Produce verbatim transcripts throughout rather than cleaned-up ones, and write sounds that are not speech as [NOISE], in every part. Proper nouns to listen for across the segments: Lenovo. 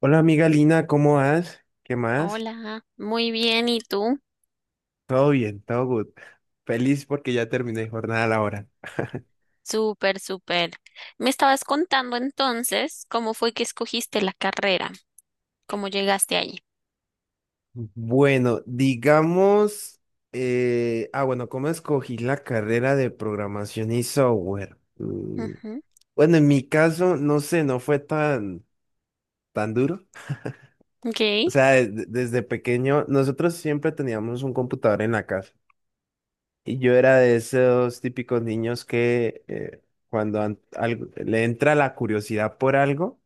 Hola amiga Lina, ¿cómo vas? ¿Qué más? Hola, muy bien, ¿y tú? Todo bien, todo good. Feliz porque ya terminé jornada laboral. Súper, súper. Me estabas contando entonces cómo fue que escogiste la carrera, cómo llegaste allí. Bueno, digamos, eh, ah, bueno, ¿cómo escogí la carrera de programación y software? Mm. Ujú. Bueno, en mi caso, no sé, no fue tan, tan duro. Ok. [GASPS] O sea, de- de- desde pequeño, nosotros siempre teníamos un computador en la casa. Y yo era de esos típicos niños que eh, cuando an- algo- le entra la curiosidad por algo.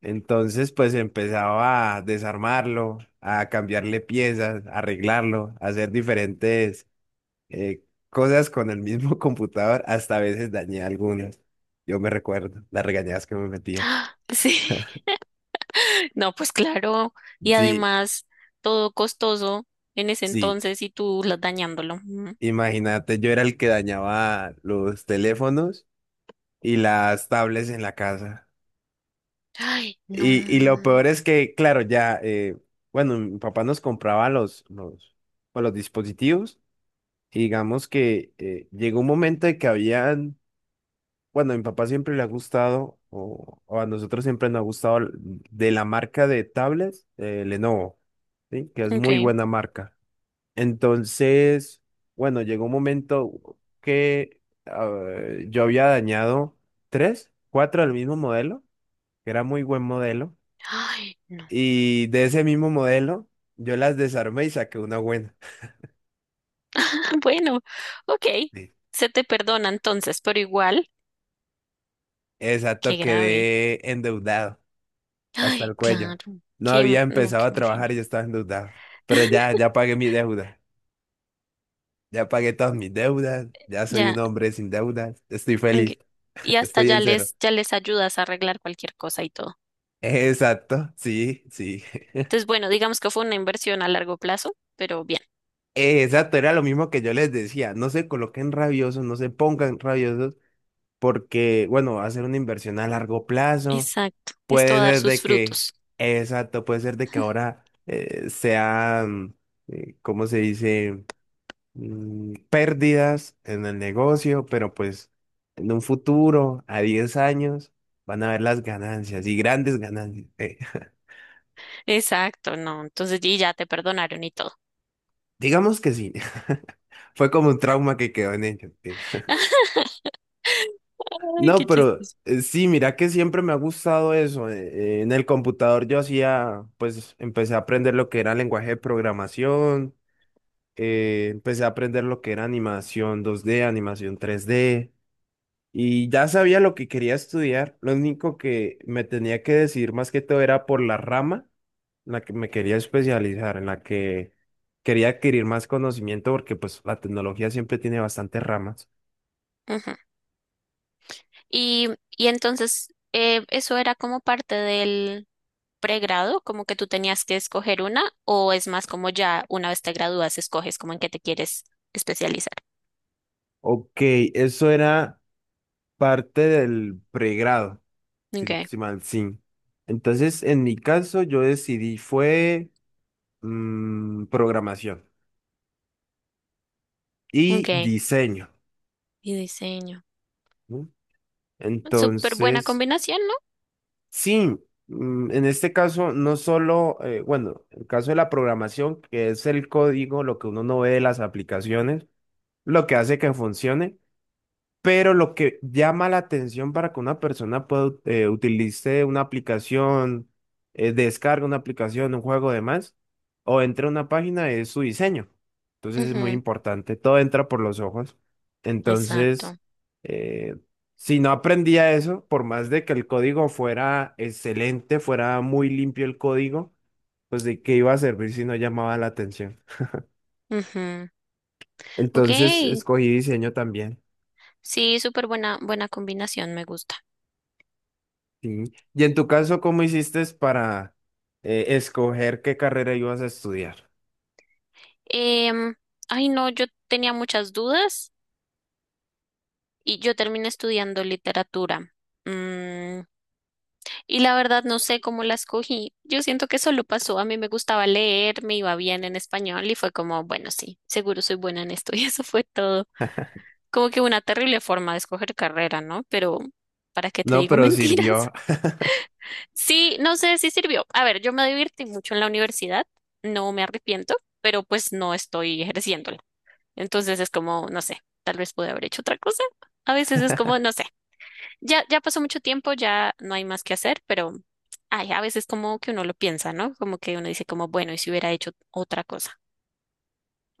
Entonces, pues empezaba a desarmarlo, a cambiarle piezas, a arreglarlo, a hacer diferentes eh, cosas con el mismo [LAUGHS] computador. Hasta a veces dañé algunas. Yo me recuerdo las regañadas que me metía. Ah, sí. [LAUGHS] [LAUGHS] No, pues claro. Y Sí, además, todo costoso en ese sí. entonces y tú la- dañándolo. Ujú. Imagínate, yo era el que dañaba los teléfonos y las tablets en la casa. Ay, no. Y, y lo peor es que, claro, ya, eh, bueno, mi papá nos compraba los, los, pues, los dispositivos. Y digamos que eh, llegó un momento de que habían, bueno, a mi papá siempre le ha gustado, o, o a nosotros siempre nos ha gustado, l- de la marca de tablets, eh, Lenovo, ¿sí? Que es muy Ok. buena marca. Entonces, bueno, llegó un momento que eh, yo había dañado tres, cuatro del mismo modelo, que era muy buen modelo, Ay, no. y de ese mismo modelo yo las desarmé y saqué una buena. [LAUGHS] [LAUGHS] Bueno, ok. Sí. Se te perdona entonces, pero igual, qué Exacto, grave. quedé endeudado hasta Ay, el cuello. claro. No Qué, había no, empezado qué a mal trabajar genio. y yo estaba endeudado. Pero [LAUGHS] ya, ya pagué mi deuda. Ya pagué todas mis deudas. Ya soy Ya, un hombre sin deudas. Estoy ok. feliz. Y [LAUGHS] hasta Estoy ya en cero. les, ya les ayudas a arreglar cualquier cosa y todo. Exacto, sí, sí. [LAUGHS] Entonces, bueno, digamos que fue una inversión a largo plazo, pero bien, Exacto, era lo mismo que yo les decía. No se coloquen rabiosos, no se pongan rabiosos, porque, bueno, va a ser una inversión a largo plazo. exacto. Esto Puede va a dar ser sus de que, frutos. exacto, puede ser de que ahora eh, sean, eh, ¿cómo se dice? Mm, pérdidas en el negocio, pero pues en un futuro, a diez años, van a ver las ganancias y grandes ganancias. Eh, [LAUGHS] Exacto, no. Entonces, y ya te perdonaron y todo. digamos que sí, [LAUGHS] fue como un trauma que quedó en ellos. eh. [LAUGHS] Ay, No, qué pero chistoso. eh, sí, mira que siempre me ha gustado eso. Eh, eh, en el computador yo hacía, pues empecé a aprender lo que era lenguaje de programación, eh, empecé a aprender lo que era animación dos d animación tres d. Y ya sabía lo que quería estudiar, lo único que me tenía que decidir más que todo era por la rama en la que me quería especializar, en la que quería adquirir más conocimiento porque pues la tecnología siempre tiene bastantes ramas. Ujú. Y, y entonces, eh, eso era como parte del pregrado, como que tú tenías que escoger una, o es más como ya una vez te gradúas, escoges como en qué te quieres especializar. Ok, eso era parte del pregrado, si no Okay, estoy mal, sí. Entonces, en mi caso, yo decidí fue mm, programación y okay. diseño, Y diseño. ¿no? Súper buena Entonces... combinación, Sí, mm, en este caso no solo, eh, bueno, el caso de la programación, que es el código, lo que uno no ve de las aplicaciones, lo que hace que funcione. Pero lo que llama la atención para que una persona pueda eh, utilice una aplicación, eh, descargue una aplicación, un juego, demás, o entre a una página es su diseño. ¿no? Entonces es muy Ujú, importante, todo entra por los ojos. Entonces, exacto. eh, si no aprendía eso, por más de que el código fuera excelente, fuera muy limpio el código, pues de qué iba a servir si no llamaba la atención. Ujú. Ok, Entonces escogí diseño también. sí, súper buena, buena combinación, me gusta. Sí. Y en tu caso, ¿cómo hiciste para eh, escoger qué carrera ibas a estudiar? Em, ay, no, yo tenía muchas dudas y yo terminé estudiando literatura. Mm. Y la verdad no sé cómo la escogí. Yo siento que solo pasó. A mí me gustaba leer, me iba bien en español y fue como, bueno, sí, seguro soy buena en esto. [LAUGHS] Y eso fue todo. Como que una terrible forma de escoger carrera, ¿no? Pero, ¿para qué te No, digo [LAUGHS] pero mentiras? sirvió. Sí, no sé si sirvió. A ver, yo me divertí mucho en la universidad, no me arrepiento, pero pues no estoy ejerciéndola. Entonces es como, no sé, tal vez pude haber hecho otra cosa. A veces es como, no sé. Ya, ya pasó mucho tiempo, ya no hay más que hacer, pero ay, a veces como que uno lo piensa, ¿no? Como que uno dice como, bueno, ¿y si hubiera hecho otra cosa?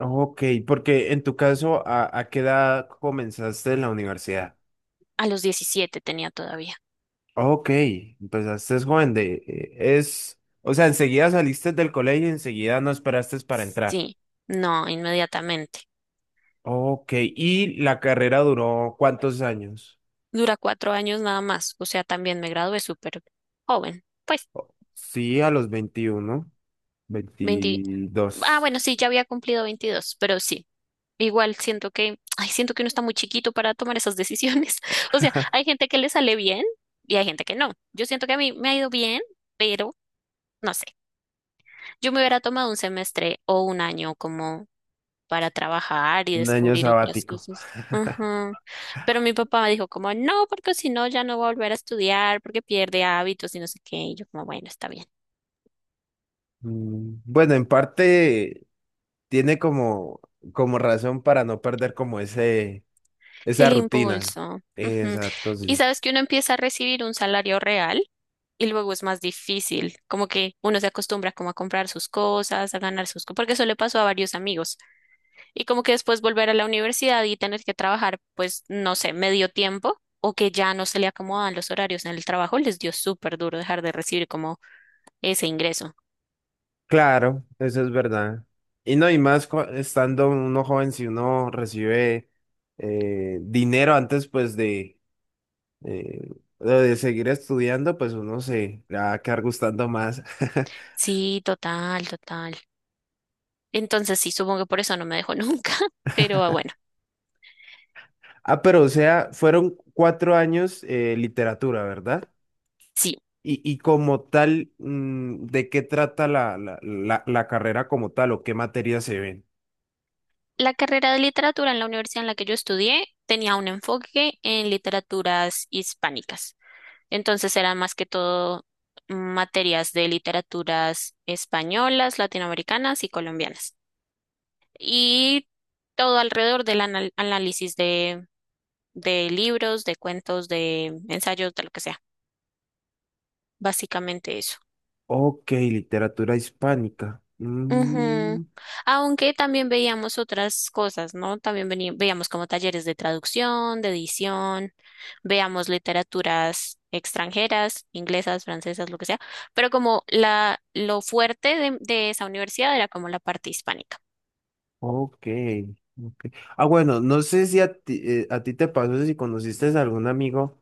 Ok, porque en tu caso, ¿a, a qué edad comenzaste en la universidad? A los diecisiete tenía todavía. Ok, empezaste joven de... eh, es, o sea, enseguida saliste del colegio y enseguida no esperaste para entrar. Sí, no, inmediatamente. Ok, ¿y la carrera duró cuántos años? Dura cuatro años nada más, o sea, también me gradué súper joven, pues Sí, a los veintiuno, veinte. Ah, veintidós. bueno, sí, ya había cumplido veintidós pero sí, igual siento que, ay, siento que uno está muy chiquito para tomar esas decisiones. [LAUGHS] O sea, hay gente que le sale bien y hay gente que no. Yo siento que a mí me ha ido bien, pero... No sé. Yo me hubiera tomado un semestre o un año como para trabajar y Un año descubrir otras sabático. cosas. Ajá. Pero mi papá me dijo como, no, porque si no ya no va a volver a estudiar, porque pierde hábitos y no sé qué. Y yo como, bueno, está bien. Mm. Bueno, en parte tiene como, como razón para no perder como ese, esa El rutina. impulso. Ujú. Exacto, Y sí. sabes que uno empieza a recibir un salario real y luego es más difícil. Como que uno se acostumbra como a comprar sus cosas, a ganar sus cosas, porque eso le pasó a varios amigos. Y como que después volver a la universidad y tener que trabajar, pues, no sé, medio tiempo o que ya no se le acomodan los horarios en el trabajo, les dio súper duro dejar de recibir como ese ingreso. Claro, eso es verdad. Y no, y más cu- estando uno joven, si uno recibe eh, dinero antes pues de, eh, de seguir estudiando, pues uno se le va a quedar gustando más. [LAUGHS] Sí, total, total. Entonces sí, supongo que por eso no me dejó nunca, [LAUGHS] pero ah, bueno, Ah, pero o sea, fueron cuatro años eh, literatura, ¿verdad? sí. Y, y como tal, mm, ¿de qué trata la, la, la, la carrera como tal o qué materias se ven? La carrera de literatura en la universidad en la que yo estudié tenía un enfoque en literaturas hispánicas. Entonces eran más que todo materias de literaturas españolas, latinoamericanas y colombianas. Y todo alrededor del anal- análisis de, de libros, de cuentos, de ensayos, de lo que sea. Básicamente eso. Ok, literatura hispánica. Ujú. Mm, Aunque también veíamos otras cosas, ¿no? También veni- veíamos como talleres de traducción, de edición. Veamos literaturas extranjeras, inglesas, francesas, lo que sea, pero como la, lo fuerte de, de esa universidad era como la parte hispánica. ok, ok. Ah, bueno, no sé si a ti, eh, a ti te pasó, si conociste a algún amigo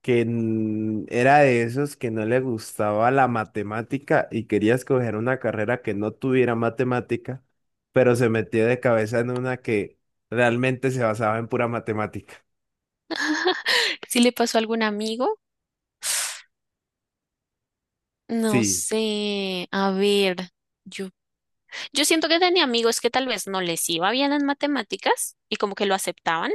que mm, era de esos que no le gustaba la matemática y quería escoger una carrera que no tuviera matemática, pero se metió de cabeza en una que realmente se basaba en pura matemática. ¿Si le pasó a algún amigo? No Sí, sé, a ver, yo, yo siento que tenía amigos que tal vez no les iba bien en matemáticas y como que lo aceptaban.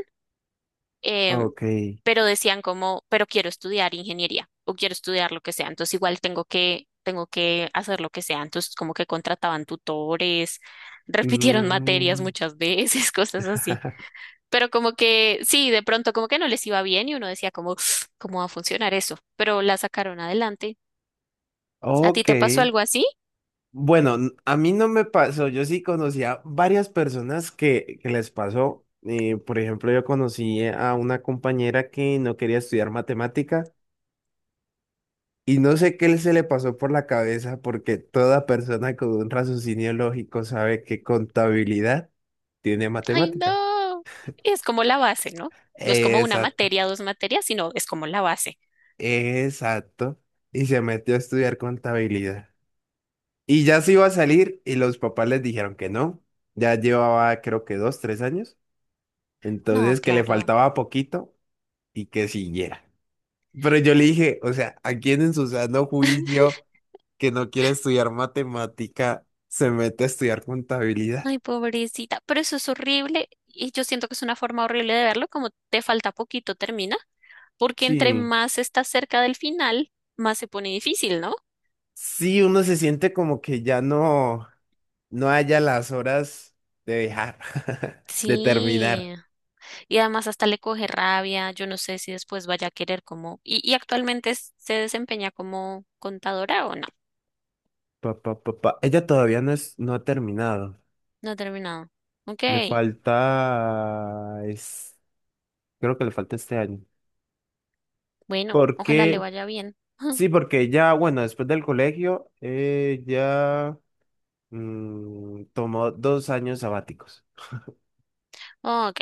eh, ok. pero decían como, pero quiero estudiar ingeniería o quiero estudiar lo que sea, entonces igual tengo que, tengo que hacer lo que sea, entonces como que contrataban tutores, [LAUGHS] repitieron materias Mm, muchas veces, [LAUGHS] cosas así, [LAUGHS] pero como que sí, de pronto como que no les iba bien y uno decía como, [SNIFFS] ¿cómo va a funcionar eso? Pero la sacaron adelante. ¿A ti ok. te pasó algo así? Bueno, n- a mí no me pasó. Yo sí conocía varias personas que, que les pasó. Eh, por ejemplo, yo conocí a una compañera que no quería estudiar matemática y no sé qué se le pasó por la cabeza porque toda persona con un raciocinio lógico sabe que contabilidad tiene Ay, matemática. no, es como la base, ¿no? No es como una Exacto, materia, dos materias, sino es como la base. exacto. Y se metió a estudiar contabilidad. Y ya se iba a salir y los papás les dijeron que no. Ya llevaba creo que dos, tres años. No, Entonces que le claro. faltaba poquito y que siguiera. Pero yo le dije, o sea, ¿a quién en su sano juicio que no quiere estudiar matemática se mete a estudiar contabilidad? Ay, pobrecita, pero eso es horrible y yo siento que es una forma horrible de verlo, como te falta poquito, termina, porque entre Sí. más estás cerca del final, más se pone difícil, ¿no? Sí, uno se siente como que ya no, no haya las horas de dejar, [LAUGHS] de Sí, terminar. y además hasta le coge rabia, yo no sé si después vaya a querer como, y, y actualmente es- se desempeña como contadora o no, Pa, pa, pa, pa. Ella todavía no es, no ha terminado. no ha terminado. Ok, Le falta, es, creo que le falta este año. bueno, ojalá le Porque, vaya bien. [LAUGHS] sí, porque ya, bueno, después del colegio, eh, ya mm, tomó dos años sabáticos Ok,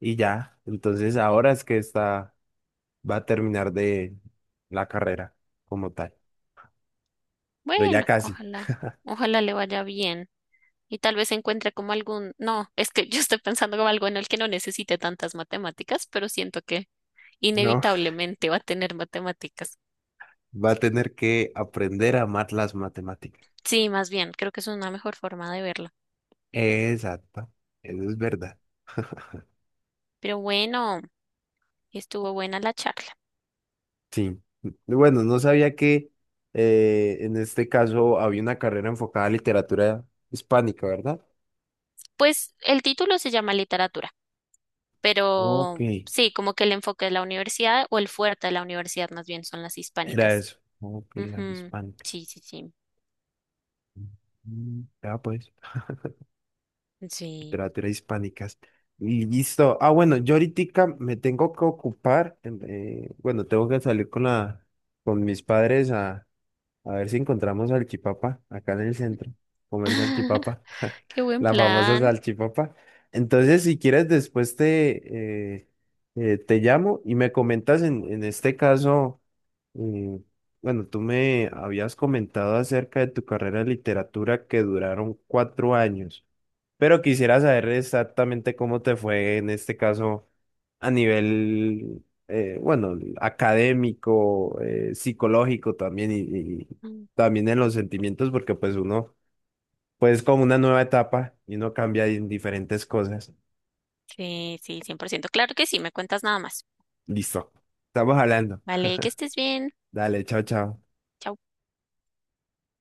y ya, entonces ahora es que está, va a terminar de la carrera como tal, pero ya bueno, casi, ojalá, ojalá le vaya bien. Y tal vez encuentre como algún, no, es que [LAUGHS] yo estoy pensando como algo en el que no necesite tantas matemáticas, pero siento que ¿no? inevitablemente va a tener matemáticas. [LAUGHS] Va a tener que aprender a amar las matemáticas. Sí, más bien, creo que es una mejor forma de verlo. Exacto, eso es verdad. Pero bueno, estuvo buena la charla. Sí, bueno, no sabía que eh, en este caso había una carrera enfocada a literatura hispánica, ¿verdad? Pues el título se llama literatura, Ok, pero sí, como que el enfoque de la universidad o el fuerte de la universidad más bien son las era hispánicas. eso. Ok, la Ujú. hispánica. Sí, sí, sí. Mm. Ya pues. Sí. Literatura hispánicas. Y listo. Ah, bueno, yo ahorita me tengo que ocupar. Em, eh, bueno, tengo que salir con la, con mis padres. A ver si encontramos salchipapa acá en el centro. Comer [LAUGHS] salchipapa. [LAUGHS] Qué buen La famosa plan. salchipapa. Entonces, si quieres, después te, eh, eh, te llamo y me comentas en, en este caso, eh, bueno, tú me habías comentado acerca de tu carrera de literatura que duraron cuatro años. Pero quisiera saber exactamente cómo te fue en este caso a nivel, eh, bueno, académico, eh, psicológico también y, y también en los sentimientos, porque pues uno, pues es como una nueva etapa y uno cambia en diferentes cosas. Sí, sí, cien por ciento. Claro que sí, me cuentas nada más. Listo. Estamos hablando. Vale, que estés bien. Dale, chao, chao. Chao.